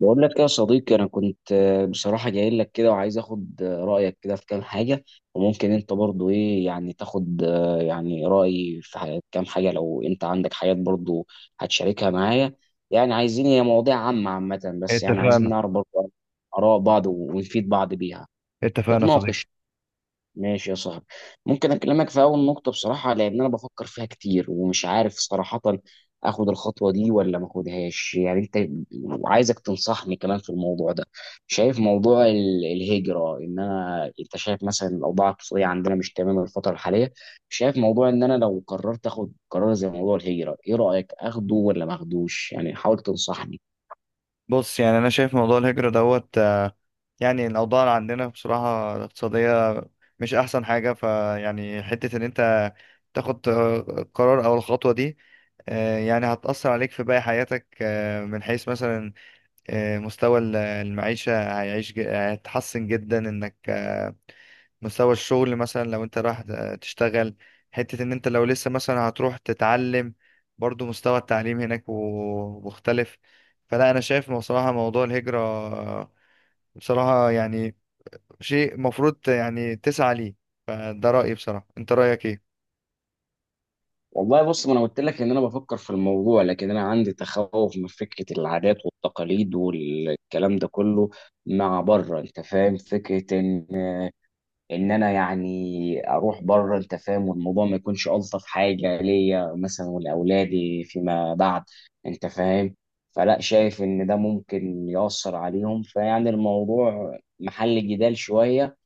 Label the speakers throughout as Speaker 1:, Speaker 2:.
Speaker 1: بقول لك يا صديقي، انا كنت بصراحه جاي لك كده وعايز اخد رايك كده في كام حاجه. وممكن انت برضو ايه يعني تاخد يعني رايي في كام حاجه لو انت عندك حاجات برضو هتشاركها معايا. يعني عايزين هي مواضيع عامه عامه بس يعني عايزين
Speaker 2: اتفقنا.
Speaker 1: نعرف برضو اراء بعض ونفيد بعض بيها
Speaker 2: اتفقنا يا صديقي.
Speaker 1: نتناقش. ماشي يا صاحبي. ممكن اكلمك في اول نقطه بصراحه، لان انا بفكر فيها كتير ومش عارف صراحه اخد الخطوه دي ولا ما اخدهاش. يعني انت وعايزك تنصحني كمان في الموضوع ده. شايف موضوع الهجره، ان انا انت شايف مثلا الاوضاع الاقتصاديه عندنا مش تمام الفتره الحاليه. شايف موضوع ان انا لو قررت اخد قرار زي موضوع الهجره، ايه رايك اخده ولا ما اخدوش؟ يعني حاول تنصحني.
Speaker 2: بص، يعني انا شايف موضوع الهجرة دوت. يعني الاوضاع اللي عندنا بصراحة الاقتصادية مش احسن حاجة، فيعني حتة ان انت تاخد قرار او الخطوة دي. يعني هتأثر عليك في باقي حياتك، من حيث مثلا مستوى المعيشة، هيعيش هيتحسن جدا، انك مستوى الشغل مثلا لو انت رايح تشتغل، حتة ان انت لو لسه مثلا هتروح تتعلم برضو مستوى التعليم هناك مختلف. فلا انا شايف إنه بصراحة موضوع الهجرة بصراحة يعني شيء مفروض يعني تسعى ليه. فده رأيي بصراحة، انت رأيك ايه؟
Speaker 1: والله بص، ما انا قلت لك ان انا بفكر في الموضوع، لكن انا عندي تخوف من فكره العادات والتقاليد والكلام ده كله مع بره. انت فاهم فكره ان انا يعني اروح بره. انت فاهم والموضوع ما يكونش الطف حاجه ليا مثلا ولاولادي فيما بعد. انت فاهم. فلا، شايف ان ده ممكن ياثر عليهم. فيعني الموضوع محل جدال شويه.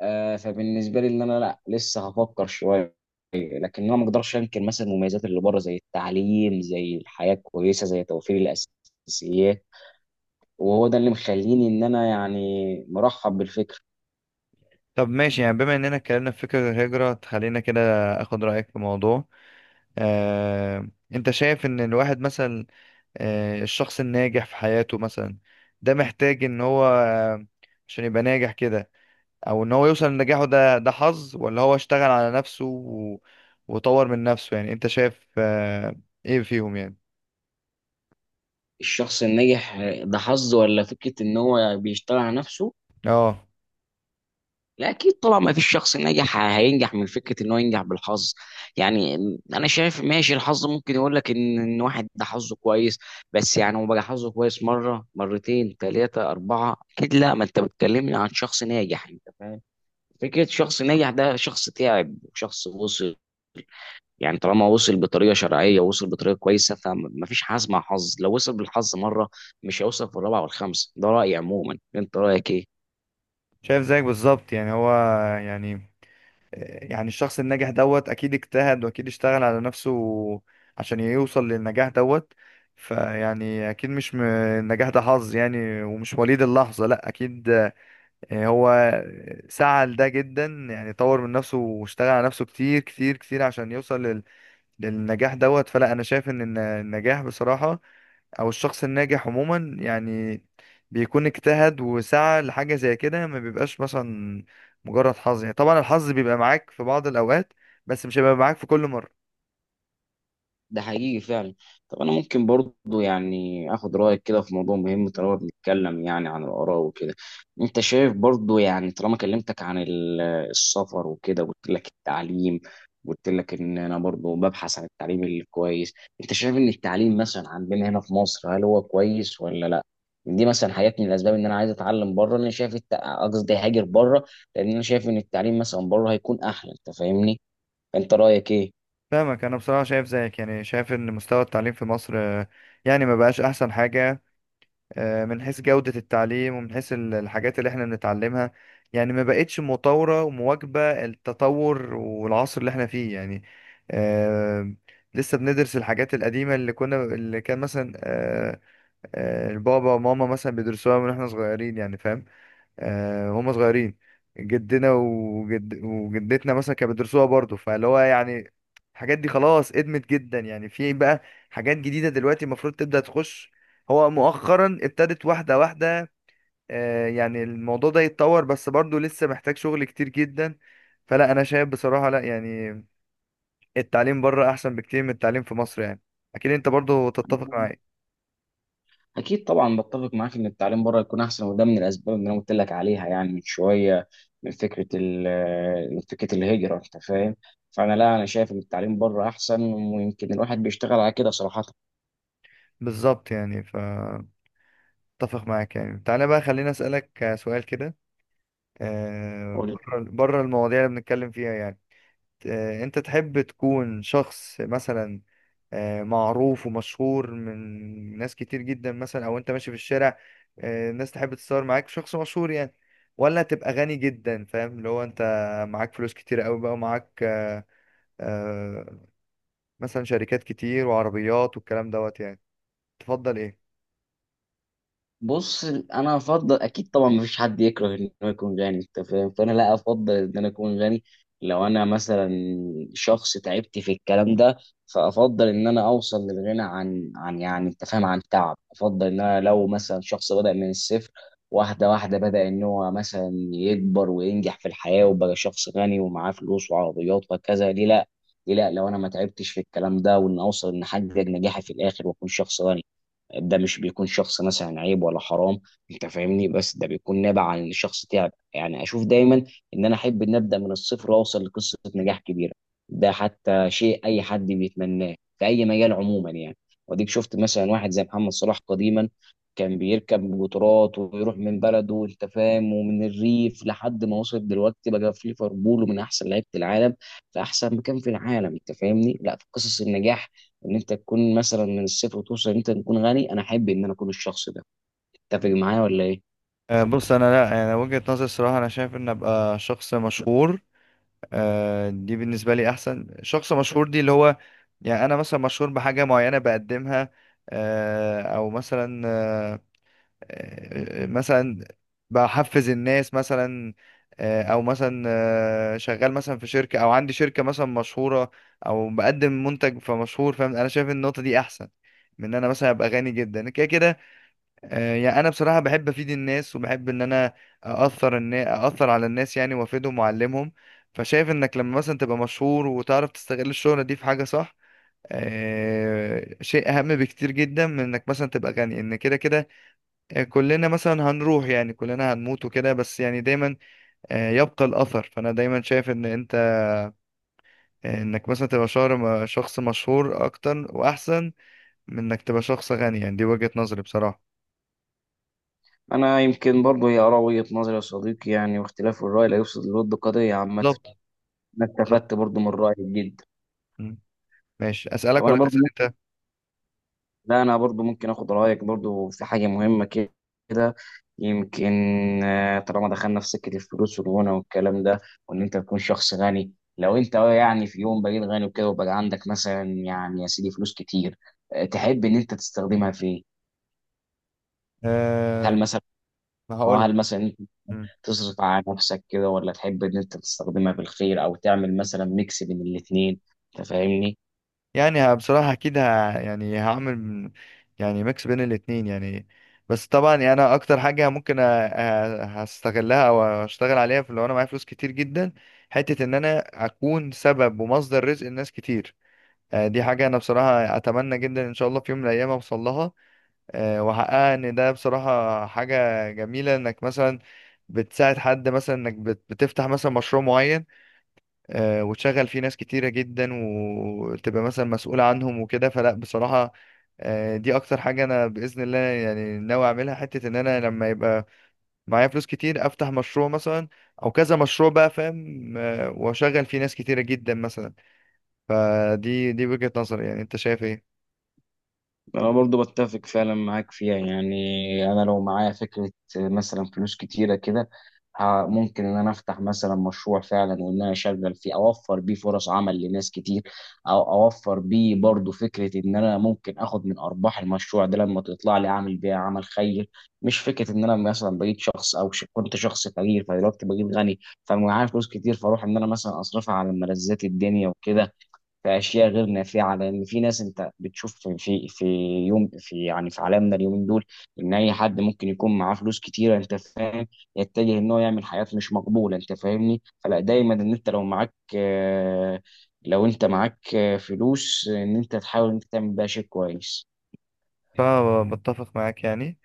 Speaker 1: فبالنسبه لي، ان انا لا لسه هفكر شويه. لكن انا ما اقدرش انكر مثلا المميزات اللي بره زي التعليم، زي الحياه الكويسه، زي توفير الاساسيات. وهو ده اللي مخليني ان انا يعني مرحب بالفكره.
Speaker 2: طب ماشي، يعني بما اننا اتكلمنا في فكرة الهجرة، تخلينا كده اخد رأيك في موضوع. آه، انت شايف ان الواحد مثلا، الشخص الناجح في حياته مثلا، ده محتاج ان هو عشان يبقى ناجح كده، او ان هو يوصل لنجاحه ده حظ ولا هو اشتغل على نفسه وطور من نفسه؟ يعني انت شايف ايه فيهم يعني؟
Speaker 1: الشخص الناجح ده حظ ولا فكره ان هو بيشتغل على نفسه؟
Speaker 2: اه،
Speaker 1: لا، اكيد طبعا ما فيش شخص ناجح هينجح من فكره ان هو ينجح بالحظ، يعني. انا شايف ماشي، الحظ ممكن يقول لك ان واحد ده حظه كويس. بس يعني هو بقى حظه كويس مره، مرتين، ثلاثه، اربعه، اكيد لا، ما انت بتكلمني عن شخص ناجح. انت فاهم. فكرة شخص ناجح ده شخص تعب وشخص وصل. يعني طالما وصل بطريقة شرعية ووصل بطريقة كويسة فمفيش حظ مع حظ، لو وصل بالحظ مرة مش هيوصل في الرابعة والخامسة. ده رأيي عموما، انت رأيك ايه؟
Speaker 2: شايف زيك بالظبط، يعني هو، يعني، يعني الشخص الناجح دوت اكيد اجتهد واكيد اشتغل على نفسه عشان يوصل للنجاح دوت. فيعني اكيد مش النجاح ده حظ يعني، ومش وليد اللحظة لا اكيد. يعني هو سعى لده جدا، يعني طور من نفسه واشتغل على نفسه كتير كتير كتير عشان يوصل للنجاح دوت. فلا انا شايف ان النجاح بصراحة، او الشخص الناجح عموما، يعني بيكون اجتهد وسعى لحاجة زي كده، ما بيبقاش مثلا مجرد حظ. يعني طبعا الحظ بيبقى معاك في بعض الاوقات، بس مش هيبقى معاك في كل مرة.
Speaker 1: ده حقيقي فعلا. طب انا ممكن برضو يعني اخد رايك كده في موضوع مهم طالما بنتكلم يعني عن الاراء وكده. انت شايف برضو يعني طالما كلمتك عن السفر وكده وقلت لك التعليم وقلت لك ان انا برضو ببحث عن التعليم الكويس. انت شايف ان التعليم مثلا عندنا هنا في مصر هل هو كويس ولا لا؟ دي مثلا حاجات من الاسباب ان انا عايز اتعلم بره، ان انا شايف قصدي هاجر بره. لان انا شايف ان التعليم مثلا بره هيكون احلى. انت فاهمني؟ انت رايك
Speaker 2: فاهمك. انا بصراحة شايف زيك، يعني شايف ان مستوى التعليم في مصر يعني ما بقاش احسن حاجة، من حيث جودة التعليم ومن حيث الحاجات اللي احنا بنتعلمها، يعني ما بقتش مطورة ومواكبة التطور والعصر اللي احنا فيه يعني. آه، لسه بندرس الحاجات القديمة، اللي كنا، اللي كان مثلا البابا وماما مثلا بيدرسوها من احنا صغيرين يعني، فاهم، وهم صغيرين، جدنا وجد وجدتنا مثلا كانوا بيدرسوها برضه. فاللي هو يعني الحاجات دي خلاص ادمت جدا يعني، في بقى حاجات جديدة دلوقتي المفروض تبدأ تخش. هو مؤخرا ابتدت واحدة واحدة، يعني الموضوع ده يتطور، بس برضه لسه محتاج شغل كتير جدا. فلا انا شايف بصراحة، لا يعني التعليم بره احسن بكتير من التعليم في مصر يعني. اكيد انت برضه تتفق
Speaker 1: ايه؟
Speaker 2: معاي.
Speaker 1: اكيد طبعا بتفق معاك ان التعليم بره يكون احسن، وده من الاسباب اللي انا قلت لك عليها يعني من شويه. من فكره من فكره الهجره. انت فاهم. فانا لا، انا شايف ان التعليم بره احسن، ويمكن الواحد بيشتغل على كده صراحه.
Speaker 2: بالظبط، يعني فاتفق معاك يعني. تعالى بقى خليني اسألك سؤال كده. بره بره المواضيع اللي بنتكلم فيها يعني، انت تحب تكون شخص مثلا معروف ومشهور من ناس كتير جدا مثلا، او انت ماشي في الشارع الناس تحب تتصور معاك، شخص مشهور يعني، ولا تبقى غني جدا، فاهم اللي هو انت معاك فلوس كتير قوي بقى، ومعاك آه، مثلا شركات كتير وعربيات والكلام دوت يعني؟ تفضل ايه؟
Speaker 1: بص، انا افضل اكيد طبعا مفيش حد يكره ان هو يكون غني. انت فاهم فانا لا افضل ان انا اكون غني. لو انا مثلا شخص تعبت في الكلام ده، فافضل ان انا اوصل للغنى عن يعني انت فاهم، عن تعب. افضل ان انا لو مثلا شخص بدا من الصفر واحده واحده، بدا ان هو مثلا يكبر وينجح في الحياه وبقى شخص غني ومعاه فلوس وعربيات وكذا، ليه لا؟ ليه لا لو انا ما تعبتش في الكلام ده، وان اوصل ان احقق نجاحي في الاخر واكون شخص غني، ده مش بيكون شخص مثلا عيب ولا حرام. انت فاهمني؟ بس ده بيكون نابع عن ان شخص تعب. يعني اشوف دايما ان انا احب ان ابدا من الصفر واوصل لقصه نجاح كبيره. ده حتى شيء اي حد بيتمناه في اي مجال عموما، يعني. وديك شفت مثلا واحد زي محمد صلاح قديما، كان بيركب قطارات ويروح من بلده، انت فاهم، ومن الريف لحد ما وصل دلوقتي بقى في ليفربول ومن احسن لعيبه العالم في احسن مكان في العالم. انت فاهمني. لا، في قصص النجاح ان انت تكون مثلا من الصفر وتوصل ان انت تكون غني. انا احب ان انا اكون الشخص ده. تتفق معايا ولا ايه؟
Speaker 2: بص، انا لا انا وجهة نظري الصراحه، انا شايف ان ابقى شخص مشهور دي بالنسبة لي أحسن. شخص مشهور دي اللي هو، يعني أنا مثلا مشهور بحاجة معينة بقدمها، أو مثلا مثلا بحفز الناس مثلا، أو مثلا شغال مثلا في شركة، أو عندي شركة مثلا مشهورة، أو بقدم منتج فمشهور فاهم. أنا شايف إن النقطة دي أحسن من إن أنا مثلا أبقى غني جدا كده كده. يعني انا بصراحه بحب افيد الناس، وبحب ان انا اثر الناس، اثر على الناس يعني، وافيدهم واعلمهم. فشايف انك لما مثلا تبقى مشهور وتعرف تستغل الشهره دي في حاجه صح، شيء اهم بكتير جدا من انك مثلا تبقى غني ان كده كده. كلنا مثلا هنروح يعني، كلنا هنموت وكده، بس يعني دايما يبقى الاثر. فانا دايما شايف ان انت، انك مثلا تبقى شهر شخص مشهور اكتر واحسن من انك تبقى شخص غني، يعني دي وجهة نظري بصراحه.
Speaker 1: انا يمكن برضو هي اراء وجهة نظري يا صديقي، يعني واختلاف الراي لا يفسد للود قضيه عامه.
Speaker 2: بالظبط.
Speaker 1: انا استفدت برضو من رايك جدا.
Speaker 2: بالظبط. ماشي،
Speaker 1: طب
Speaker 2: اسالك
Speaker 1: انا
Speaker 2: ولا
Speaker 1: برضو
Speaker 2: تسال انت؟
Speaker 1: ممكن، لا انا برضو ممكن اخد رايك برضو في حاجه مهمه كده، يمكن. طالما دخلنا في سكه الفلوس والغنى والكلام ده وان انت تكون شخص غني. لو انت يعني في يوم بقيت غني وكده وبقى عندك مثلا يعني يا سيدي فلوس كتير، تحب ان انت تستخدمها في إيه؟ هل
Speaker 2: أه،
Speaker 1: مثلا،
Speaker 2: هقول
Speaker 1: اه
Speaker 2: لك.
Speaker 1: هل مثلا انت
Speaker 2: مم.
Speaker 1: تصرف على نفسك كده ولا تحب ان انت تستخدمها في الخير او تعمل مثلا ميكس بين الاثنين؟ انت فاهمني.
Speaker 2: يعني بصراحه اكيد يعني يعني ميكس بين الاتنين يعني. بس طبعا يعني انا اكتر حاجه ممكن هستغلها او اشتغل عليها في، لو انا معايا فلوس كتير جدا، حته ان انا اكون سبب ومصدر رزق لناس كتير. دي حاجه انا بصراحه اتمنى جدا ان شاء الله في يوم من الايام اوصل لها واحققها. ان ده بصراحه حاجه جميله انك مثلا بتساعد حد، مثلا انك بتفتح مثلا مشروع معين، وتشغل فيه ناس كتيرة جدا وتبقى مثلا مسؤولة عنهم وكده. فلا بصراحة، دي أكتر حاجة أنا بإذن الله يعني ناوي أعملها. حتة إن أنا لما يبقى معايا فلوس كتير أفتح مشروع مثلا، أو كذا مشروع بقى فاهم، وأشغل فيه ناس كتيرة جدا مثلا. فدي وجهة نظري يعني، أنت شايف إيه؟
Speaker 1: انا برضو بتفق فعلا معاك فيها يعني. انا لو معايا فكره مثلا فلوس كتيره كده، ممكن ان انا افتح مثلا مشروع فعلا وان انا اشغل فيه اوفر بيه فرص عمل لناس كتير. او اوفر بيه برضو فكره ان انا ممكن اخد من ارباح المشروع ده لما تطلع لي اعمل بيها عمل خير. مش فكره ان انا مثلا بقيت شخص او كنت شخص فقير فدلوقتي بقيت غني فمعايا فلوس كتير، فاروح ان انا مثلا اصرفها على ملذات الدنيا وكده في اشياء غير نافعه. لان في ناس انت بتشوف في يوم، في يعني في عالمنا اليومين دول، ان اي حد ممكن يكون معاه فلوس كتيره. انت فاهم. يتجه ان هو يعمل حاجات مش مقبوله. انت فاهمني فلا دايما ان انت لو معاك آه، لو انت معاك فلوس ان انت تحاول انت تعمل بيها شيء كويس.
Speaker 2: فبتفق معاك يعني.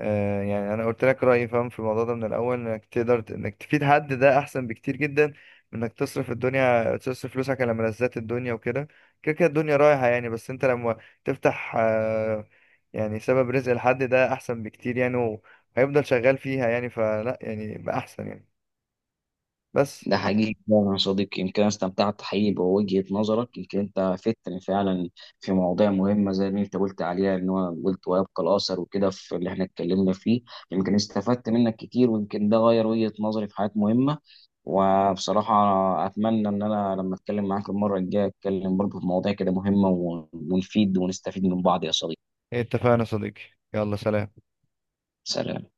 Speaker 2: يعني انا قلت لك رايي فاهم في الموضوع ده من الاول، انك تقدر انك تفيد حد ده احسن بكتير جدا من انك تصرف الدنيا، تصرف فلوسك على ملذات الدنيا وكده. كده كده الدنيا رايحه يعني، بس انت لما تفتح يعني سبب رزق لحد، ده احسن بكتير يعني، وهيفضل شغال فيها يعني. فلا يعني بقى احسن يعني بس.
Speaker 1: ده حقيقي فعلا يا صديقي. يمكن أنا استمتعت حقيقي بوجهة نظرك، يمكن انت فتني فعلا في مواضيع مهمة زي اللي انت قلت عليها، ان هو قلت ويبقى الاثر وكده في اللي احنا اتكلمنا فيه. يمكن استفدت منك كتير، ويمكن ده غير وجهة نظري في حاجات مهمة. وبصراحة اتمنى ان انا لما اتكلم معاك المرة الجاية اتكلم برضه في مواضيع كده مهمة، ونفيد ونستفيد من بعض يا صديقي.
Speaker 2: اتفقنا يا صديقي. يلا سلام.
Speaker 1: سلام.